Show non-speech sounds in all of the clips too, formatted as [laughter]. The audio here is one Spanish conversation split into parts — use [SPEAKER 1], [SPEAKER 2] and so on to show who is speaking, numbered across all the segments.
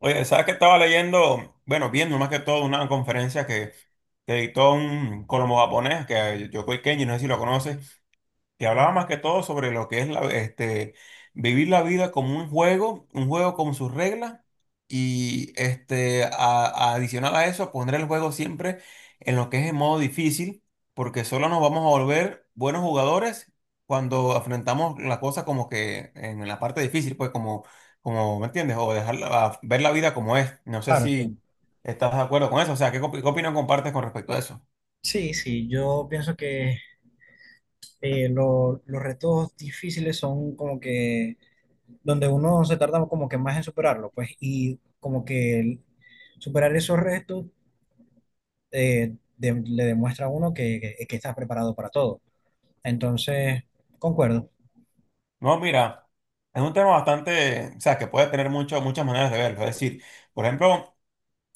[SPEAKER 1] Oye, ¿sabes que estaba leyendo? Bueno, viendo más que todo una conferencia que dictó un colombo japonés, que es Yokoi Kenji, no sé si lo conoces. Te hablaba más que todo sobre lo que es la vivir la vida como un juego con sus reglas y adicional a eso poner el juego siempre en lo que es en modo difícil, porque solo nos vamos a volver buenos jugadores cuando afrontamos la cosa como que en la parte difícil, pues como ¿me entiendes? O dejar ver la vida como es. No sé
[SPEAKER 2] Claro, claro.
[SPEAKER 1] si estás de acuerdo con eso, o sea, ¿ qué opinión compartes con respecto a eso?
[SPEAKER 2] Sí, sí, yo pienso que los retos difíciles son como que donde uno se tarda como que más en superarlo, pues, y superar esos retos, le demuestra a uno que estás preparado para todo. Entonces, concuerdo.
[SPEAKER 1] No, mira, es un tema bastante, o sea, que puede tener muchas maneras de verlo. Es decir, por ejemplo,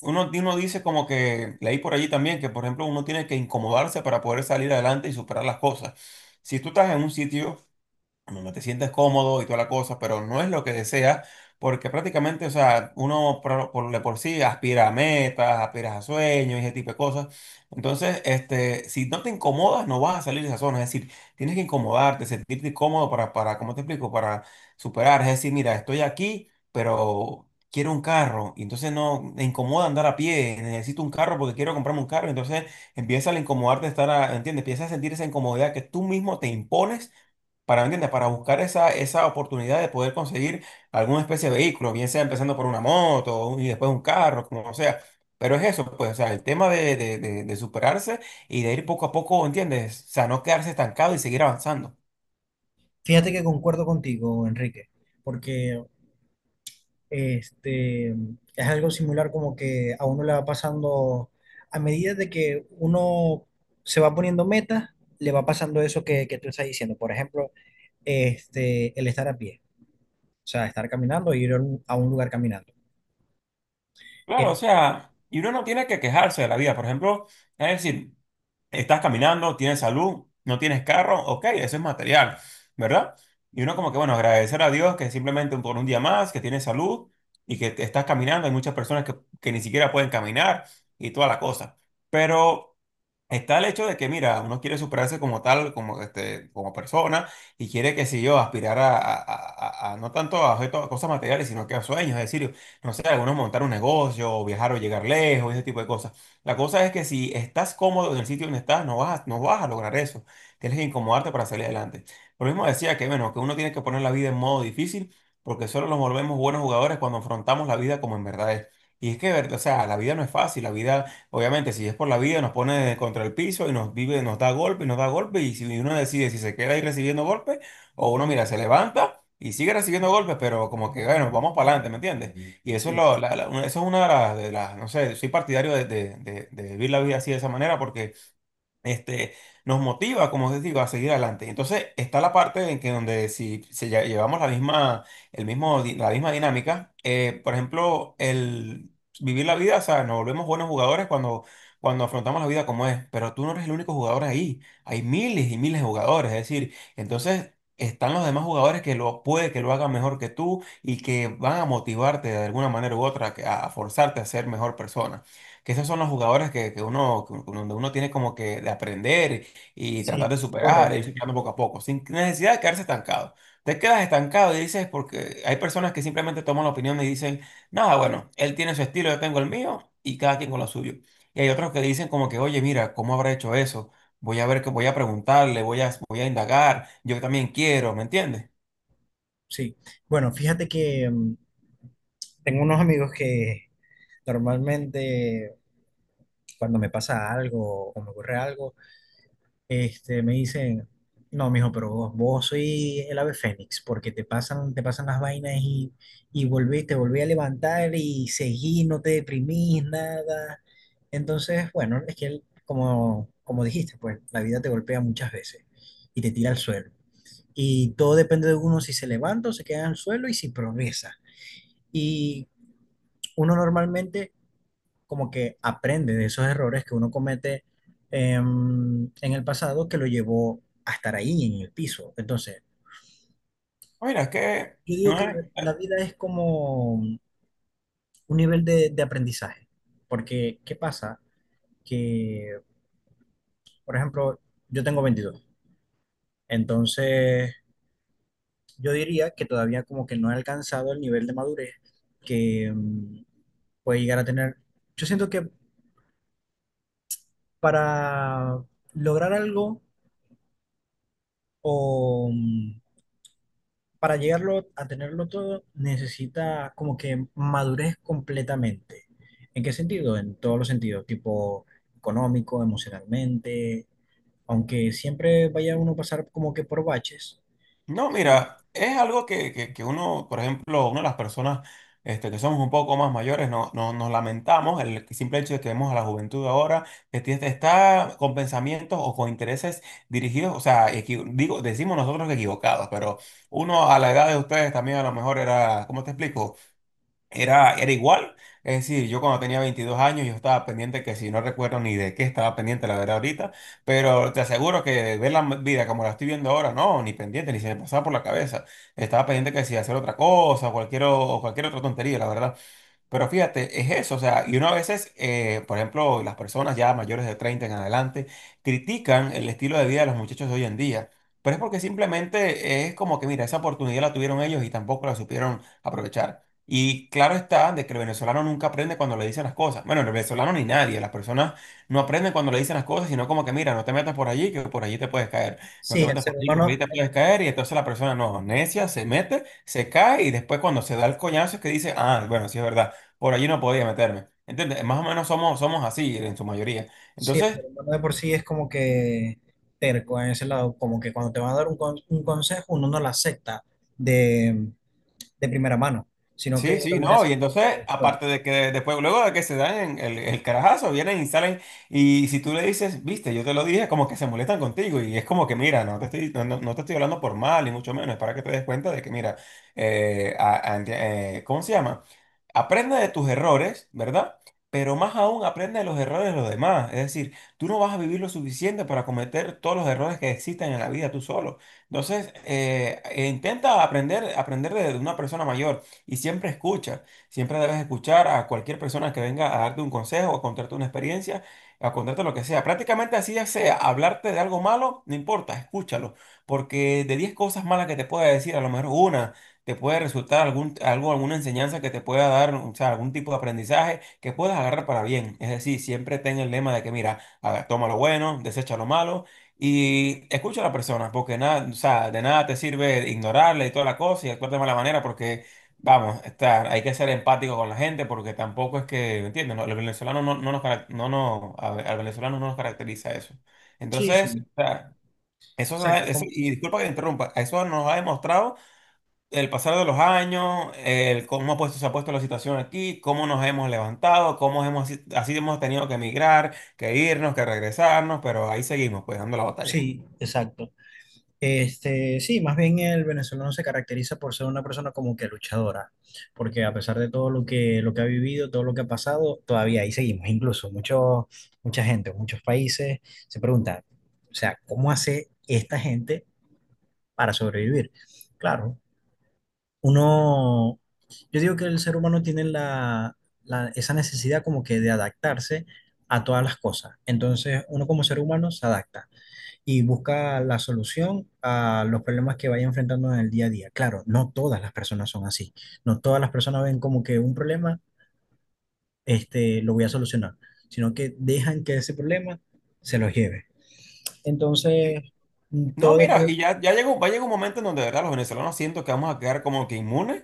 [SPEAKER 1] uno dice como que, leí por allí también, que por ejemplo uno tiene que incomodarse para poder salir adelante y superar las cosas. Si tú estás en un sitio donde te sientes cómodo y toda la cosa, pero no es lo que deseas, porque prácticamente, o sea, de por sí aspira a metas, aspiras a sueños y ese tipo de cosas. Entonces, si no te incomodas, no vas a salir de esa zona. Es decir, tienes que incomodarte, sentirte cómodo para ¿cómo te explico? Para superar. Es decir, mira, estoy aquí, pero quiero un carro. Y entonces no, me incomoda andar a pie. Necesito un carro porque quiero comprarme un carro. Entonces empieza a incomodarte ¿entiendes? Empieza a sentir esa incomodidad que tú mismo te impones para, ¿me entiendes? Para buscar esa oportunidad de poder conseguir alguna especie de vehículo, bien sea empezando por una moto y después un carro, como sea. Pero es eso, pues, o sea, el tema de superarse y de ir poco a poco, ¿entiendes? O sea, no quedarse estancado y seguir avanzando.
[SPEAKER 2] Fíjate que concuerdo contigo, Enrique, porque este, es algo similar como que a uno le va pasando, a medida de que uno se va poniendo metas, le va pasando eso que tú estás diciendo. Por ejemplo, este, el estar a pie, o sea, estar caminando e ir a un lugar caminando.
[SPEAKER 1] Claro, o
[SPEAKER 2] Eh,
[SPEAKER 1] sea, y uno no tiene que quejarse de la vida. Por ejemplo, es decir, estás caminando, tienes salud, no tienes carro, ok, eso es material, ¿verdad? Y uno como que, bueno, agradecer a Dios que simplemente por un día más, que tienes salud y que te estás caminando. Hay muchas personas que ni siquiera pueden caminar y toda la cosa. Pero... está el hecho de que, mira, uno quiere superarse como tal, como, como persona, y quiere, que si yo, aspirar a no tanto a objetos, a cosas materiales, sino que a sueños, es decir, no sé, algunos montar un negocio, o viajar o llegar lejos, ese tipo de cosas. La cosa es que si estás cómodo en el sitio donde estás, no vas a lograr eso. Tienes que incomodarte para salir adelante. Por lo mismo decía que, bueno, que uno tiene que poner la vida en modo difícil, porque solo nos volvemos buenos jugadores cuando afrontamos la vida como en verdad es. Y es que, o sea, la vida no es fácil, la vida... Obviamente, si es por la vida, nos pone contra el piso y nos vive, nos da golpe y nos da golpe. Y si uno decide si se queda ahí recibiendo golpes, o uno, mira, se levanta y sigue recibiendo golpes, pero como que, bueno, vamos para adelante, ¿me entiendes? Ujú. Y eso es,
[SPEAKER 2] Sí,
[SPEAKER 1] lo,
[SPEAKER 2] sí,
[SPEAKER 1] la- la- una- eso es una de las no sé, soy partidario de vivir la vida así de esa manera, porque este, nos motiva, como te digo, a seguir adelante. Entonces, está la parte en que donde si llevamos el mismo, la misma dinámica, por ejemplo, el vivir la vida, o sea, nos volvemos buenos jugadores cuando afrontamos la vida como es, pero tú no eres el único jugador ahí, hay miles y miles de jugadores, es decir, entonces... están los demás jugadores que lo puede que lo hagan mejor que tú y que van a motivarte de alguna manera u otra a forzarte a ser mejor persona que esos son los jugadores que uno, donde uno tiene como que de aprender y tratar
[SPEAKER 2] sí,
[SPEAKER 1] de superar e
[SPEAKER 2] correcto.
[SPEAKER 1] irse quedando poco a poco, sin necesidad de quedarse estancado. Te quedas estancado y dices, porque hay personas que simplemente toman la opinión y dicen, nada, bueno, él tiene su estilo, yo tengo el mío y cada quien con lo suyo. Y hay otros que dicen como que, oye, mira, ¿cómo habrá hecho eso? Voy a ver, que voy a preguntarle, voy a indagar, yo también quiero, ¿me entiendes?
[SPEAKER 2] Sí, bueno, fíjate que tengo unos amigos que normalmente cuando me pasa algo o me ocurre algo, este, me dicen, no, mijo, pero vos soy el ave fénix, porque te pasan las vainas y volví, te volví a levantar y seguí, no te deprimís, nada. Entonces, bueno, es que él, como, como dijiste, pues la vida te golpea muchas veces y te tira al suelo. Y todo depende de uno si se levanta o se queda en el suelo y si progresa. Y uno normalmente como que aprende de esos errores que uno comete em, en el pasado que lo llevó a estar ahí en el piso. Entonces,
[SPEAKER 1] Mira, es que
[SPEAKER 2] yo digo
[SPEAKER 1] no
[SPEAKER 2] que
[SPEAKER 1] es-
[SPEAKER 2] la vida es como un nivel de aprendizaje, porque ¿qué pasa? Que, por ejemplo, yo tengo 22, entonces yo diría que todavía como que no he alcanzado el nivel de madurez que puede llegar a tener. Yo siento que para lograr algo o para llegarlo a tenerlo todo, necesita como que madurez completamente. ¿En qué sentido? En todos los sentidos, tipo económico, emocionalmente, aunque siempre vaya uno a pasar como que por baches.
[SPEAKER 1] no,
[SPEAKER 2] Sí,
[SPEAKER 1] mira, es algo que uno, por ejemplo, una de las personas que somos un poco más mayores, nos lamentamos el simple hecho de que vemos a la juventud ahora que está con pensamientos o con intereses dirigidos, o sea, digo, decimos nosotros que equivocados, pero uno a la edad de ustedes también a lo mejor era, ¿cómo te explico? Era igual. Es decir, yo cuando tenía 22 años, yo estaba pendiente que si no recuerdo ni de qué estaba pendiente, la verdad, ahorita, pero te aseguro que ver la vida como la estoy viendo ahora, no, ni pendiente, ni se me pasaba por la cabeza. Estaba pendiente que si hacer otra cosa, cualquier, o cualquier otra tontería, la verdad. Pero fíjate, es eso, o sea, y uno a veces, por ejemplo, las personas ya mayores de 30 en adelante critican el estilo de vida de los muchachos de hoy en día, pero es porque simplemente es como que, mira, esa oportunidad la tuvieron ellos y tampoco la supieron aprovechar. Y claro está de que el venezolano nunca aprende cuando le dicen las cosas. Bueno, el venezolano ni nadie, las personas no aprenden cuando le dicen las cosas, sino como que, mira, no te metas por allí, que por allí te puedes caer, no
[SPEAKER 2] sí,
[SPEAKER 1] te
[SPEAKER 2] el
[SPEAKER 1] metas
[SPEAKER 2] ser
[SPEAKER 1] por allí, que por allí
[SPEAKER 2] humano,
[SPEAKER 1] te puedes caer, y entonces la persona no, necia, se mete, se cae y después cuando se da el coñazo es que dice, ah, bueno, sí es verdad por allí no podía meterme. ¿Entiendes? Más o menos somos así en su mayoría.
[SPEAKER 2] sí, el
[SPEAKER 1] Entonces,
[SPEAKER 2] ser humano de por sí es como que terco en ese lado, como que cuando te van a dar un consejo, uno no lo acepta de, de primera mano, sino que
[SPEAKER 1] sí,
[SPEAKER 2] lo
[SPEAKER 1] sí,
[SPEAKER 2] viene a
[SPEAKER 1] no. Y
[SPEAKER 2] aceptar
[SPEAKER 1] entonces,
[SPEAKER 2] después.
[SPEAKER 1] aparte de que después, luego de que se dan el carajazo, vienen y salen. Y si tú le dices, viste, yo te lo dije, como que se molestan contigo. Y es como que, mira, no te estoy, no te estoy hablando por mal, ni mucho menos. Es para que te des cuenta de que, mira, ¿cómo se llama? Aprende de tus errores, ¿verdad? Pero más aún aprende de los errores de los demás. Es decir, tú no vas a vivir lo suficiente para cometer todos los errores que existen en la vida tú solo. Entonces, intenta aprender de una persona mayor y siempre escucha. Siempre debes escuchar a cualquier persona que venga a darte un consejo, a contarte una experiencia, a contarte lo que sea. Prácticamente así ya sea, hablarte de algo malo, no importa, escúchalo. Porque de 10 cosas malas que te pueda decir, a lo mejor una te puede resultar algún, algo, alguna enseñanza que te pueda dar, o sea, algún tipo de aprendizaje que puedas agarrar para bien. Es decir, siempre ten el lema de que, mira, a ver, toma lo bueno, desecha lo malo y escucha a la persona, porque nada, o sea, de nada te sirve ignorarle y toda la cosa y actuar de mala manera porque... vamos, estar, hay que ser empático con la gente porque tampoco es que, ¿me entiendes? No, los venezolanos no, a ver, al venezolano no nos caracteriza eso.
[SPEAKER 2] Sí,
[SPEAKER 1] Entonces,
[SPEAKER 2] sí,
[SPEAKER 1] o sea, eso, se da-
[SPEAKER 2] exacto,
[SPEAKER 1] eso-
[SPEAKER 2] como-
[SPEAKER 1] y disculpa que te interrumpa, eso nos ha demostrado el pasar de los años, el se ha puesto la situación aquí, cómo nos hemos levantado, cómo hemos, si, así hemos tenido que emigrar, que irnos, que regresarnos, pero ahí seguimos, pues dando la batalla.
[SPEAKER 2] sí, exacto. Este, sí, más bien el venezolano se caracteriza por ser una persona como que luchadora, porque a pesar de todo lo que ha vivido, todo lo que ha pasado, todavía ahí seguimos. Incluso mucha gente, muchos países se preguntan, o sea, ¿cómo hace esta gente para sobrevivir? Claro, uno, yo digo que el ser humano tiene esa necesidad como que de adaptarse a todas las cosas. Entonces, uno como ser humano se adapta y busca la solución a los problemas que vaya enfrentando en el día a día. Claro, no todas las personas son así. No todas las personas ven como que un problema, este, lo voy a solucionar, sino que dejan que ese problema se los lleve. Entonces,
[SPEAKER 1] Sí,
[SPEAKER 2] mm,
[SPEAKER 1] no,
[SPEAKER 2] todo
[SPEAKER 1] mira,
[SPEAKER 2] depende.
[SPEAKER 1] y ya llegó, va a llegar un momento en donde de verdad los venezolanos siento que vamos a quedar como que inmunes,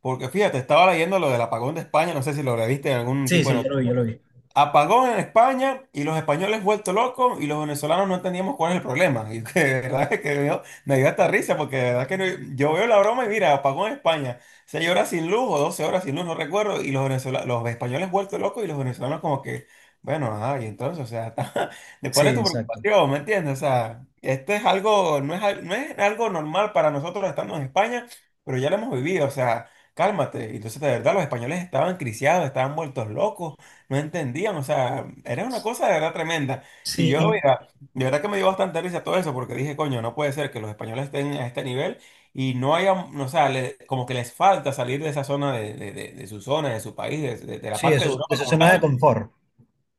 [SPEAKER 1] porque fíjate, estaba leyendo lo del apagón de España, no sé si lo leíste en algún
[SPEAKER 2] Sí,
[SPEAKER 1] tipo de
[SPEAKER 2] sí, yo lo vi,
[SPEAKER 1] noticia.
[SPEAKER 2] yo lo vi.
[SPEAKER 1] Apagón en España y los españoles vuelto locos y los venezolanos no entendíamos cuál es el problema. [laughs] Y que, de verdad que me dio hasta risa porque de verdad que yo veo la broma y mira, apagón en España, 6 horas sin luz o 12 horas sin luz, no recuerdo, y los venezolanos, los españoles vuelto locos y los venezolanos como que, bueno, ajá, y entonces, o sea, [laughs] ¿de
[SPEAKER 2] Sí,
[SPEAKER 1] cuál es tu
[SPEAKER 2] exacto.
[SPEAKER 1] preocupación? ¿Me entiendes? O sea, este es algo, no es algo normal para nosotros estando en España, pero ya lo hemos vivido, o sea, cálmate. Y entonces, de verdad, los españoles estaban criciados, estaban vueltos locos no entendían, o sea, era una cosa de verdad tremenda. Y
[SPEAKER 2] Sí,
[SPEAKER 1] yo,
[SPEAKER 2] y-
[SPEAKER 1] mira, de verdad que me dio bastante risa todo eso, porque dije, coño, no puede ser que los españoles estén a este nivel y no haya, no, o sea, como que les falta salir de esa zona, de su zona, de su país, de la
[SPEAKER 2] sí,
[SPEAKER 1] parte de Europa
[SPEAKER 2] de su
[SPEAKER 1] como
[SPEAKER 2] zona de
[SPEAKER 1] tal.
[SPEAKER 2] confort.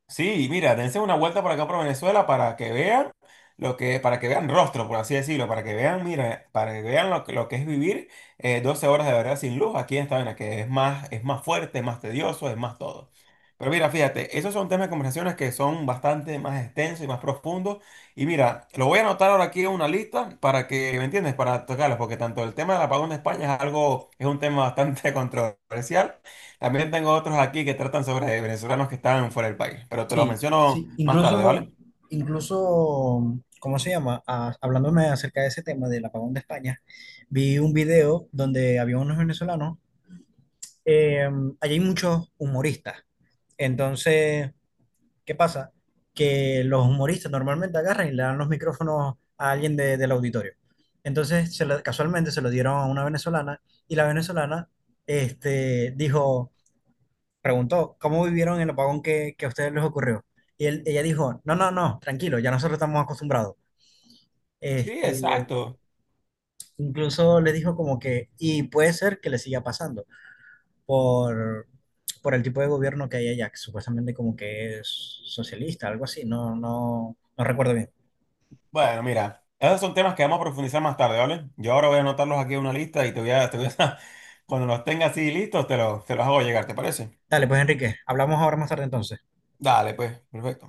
[SPEAKER 1] Sí, y mira, dense una vuelta por acá por Venezuela para que vean lo que, para que vean rostro, por así decirlo, para que vean, mira, para que vean lo que es vivir 12 horas de verdad sin luz aquí en esta vaina, que es más fuerte, es más tedioso, es más todo. Pero mira, fíjate, esos son temas de conversaciones que son bastante más extensos y más profundos. Y mira, lo voy a anotar ahora aquí en una lista para que, ¿me entiendes? Para tocarlos, porque tanto el tema del apagón de España es algo, es un tema bastante [laughs] controversial. También tengo otros aquí que tratan sobre venezolanos que están fuera del país, pero te los
[SPEAKER 2] Sí,
[SPEAKER 1] menciono
[SPEAKER 2] sí,
[SPEAKER 1] más tarde,
[SPEAKER 2] incluso,
[SPEAKER 1] ¿vale?
[SPEAKER 2] incluso, ¿cómo se llama? Ah, hablándome acerca de ese tema del apagón de España, vi un video donde había unos venezolanos, eh, allí hay muchos humoristas, entonces, ¿qué pasa? Que los humoristas normalmente agarran y le dan los micrófonos a del auditorio. Entonces, casualmente se lo dieron a una venezolana y la venezolana, este, dijo, preguntó, ¿cómo vivieron el apagón que a ustedes les ocurrió? Y ella dijo, no, no, no, tranquilo, ya nosotros estamos acostumbrados.
[SPEAKER 1] Sí,
[SPEAKER 2] Este,
[SPEAKER 1] exacto.
[SPEAKER 2] incluso le dijo como que, y puede ser que le siga pasando por, por el tipo de gobierno que hay allá, que supuestamente como que es socialista, algo así, no, no, no recuerdo bien.
[SPEAKER 1] Bueno, mira, esos son temas que vamos a profundizar más tarde, ¿vale? Yo ahora voy a anotarlos aquí en una lista y te voy a, [laughs] cuando los tenga así listos, te los hago llegar, ¿te parece?
[SPEAKER 2] Dale, pues Enrique, hablamos ahora más tarde entonces.
[SPEAKER 1] Dale, pues, perfecto.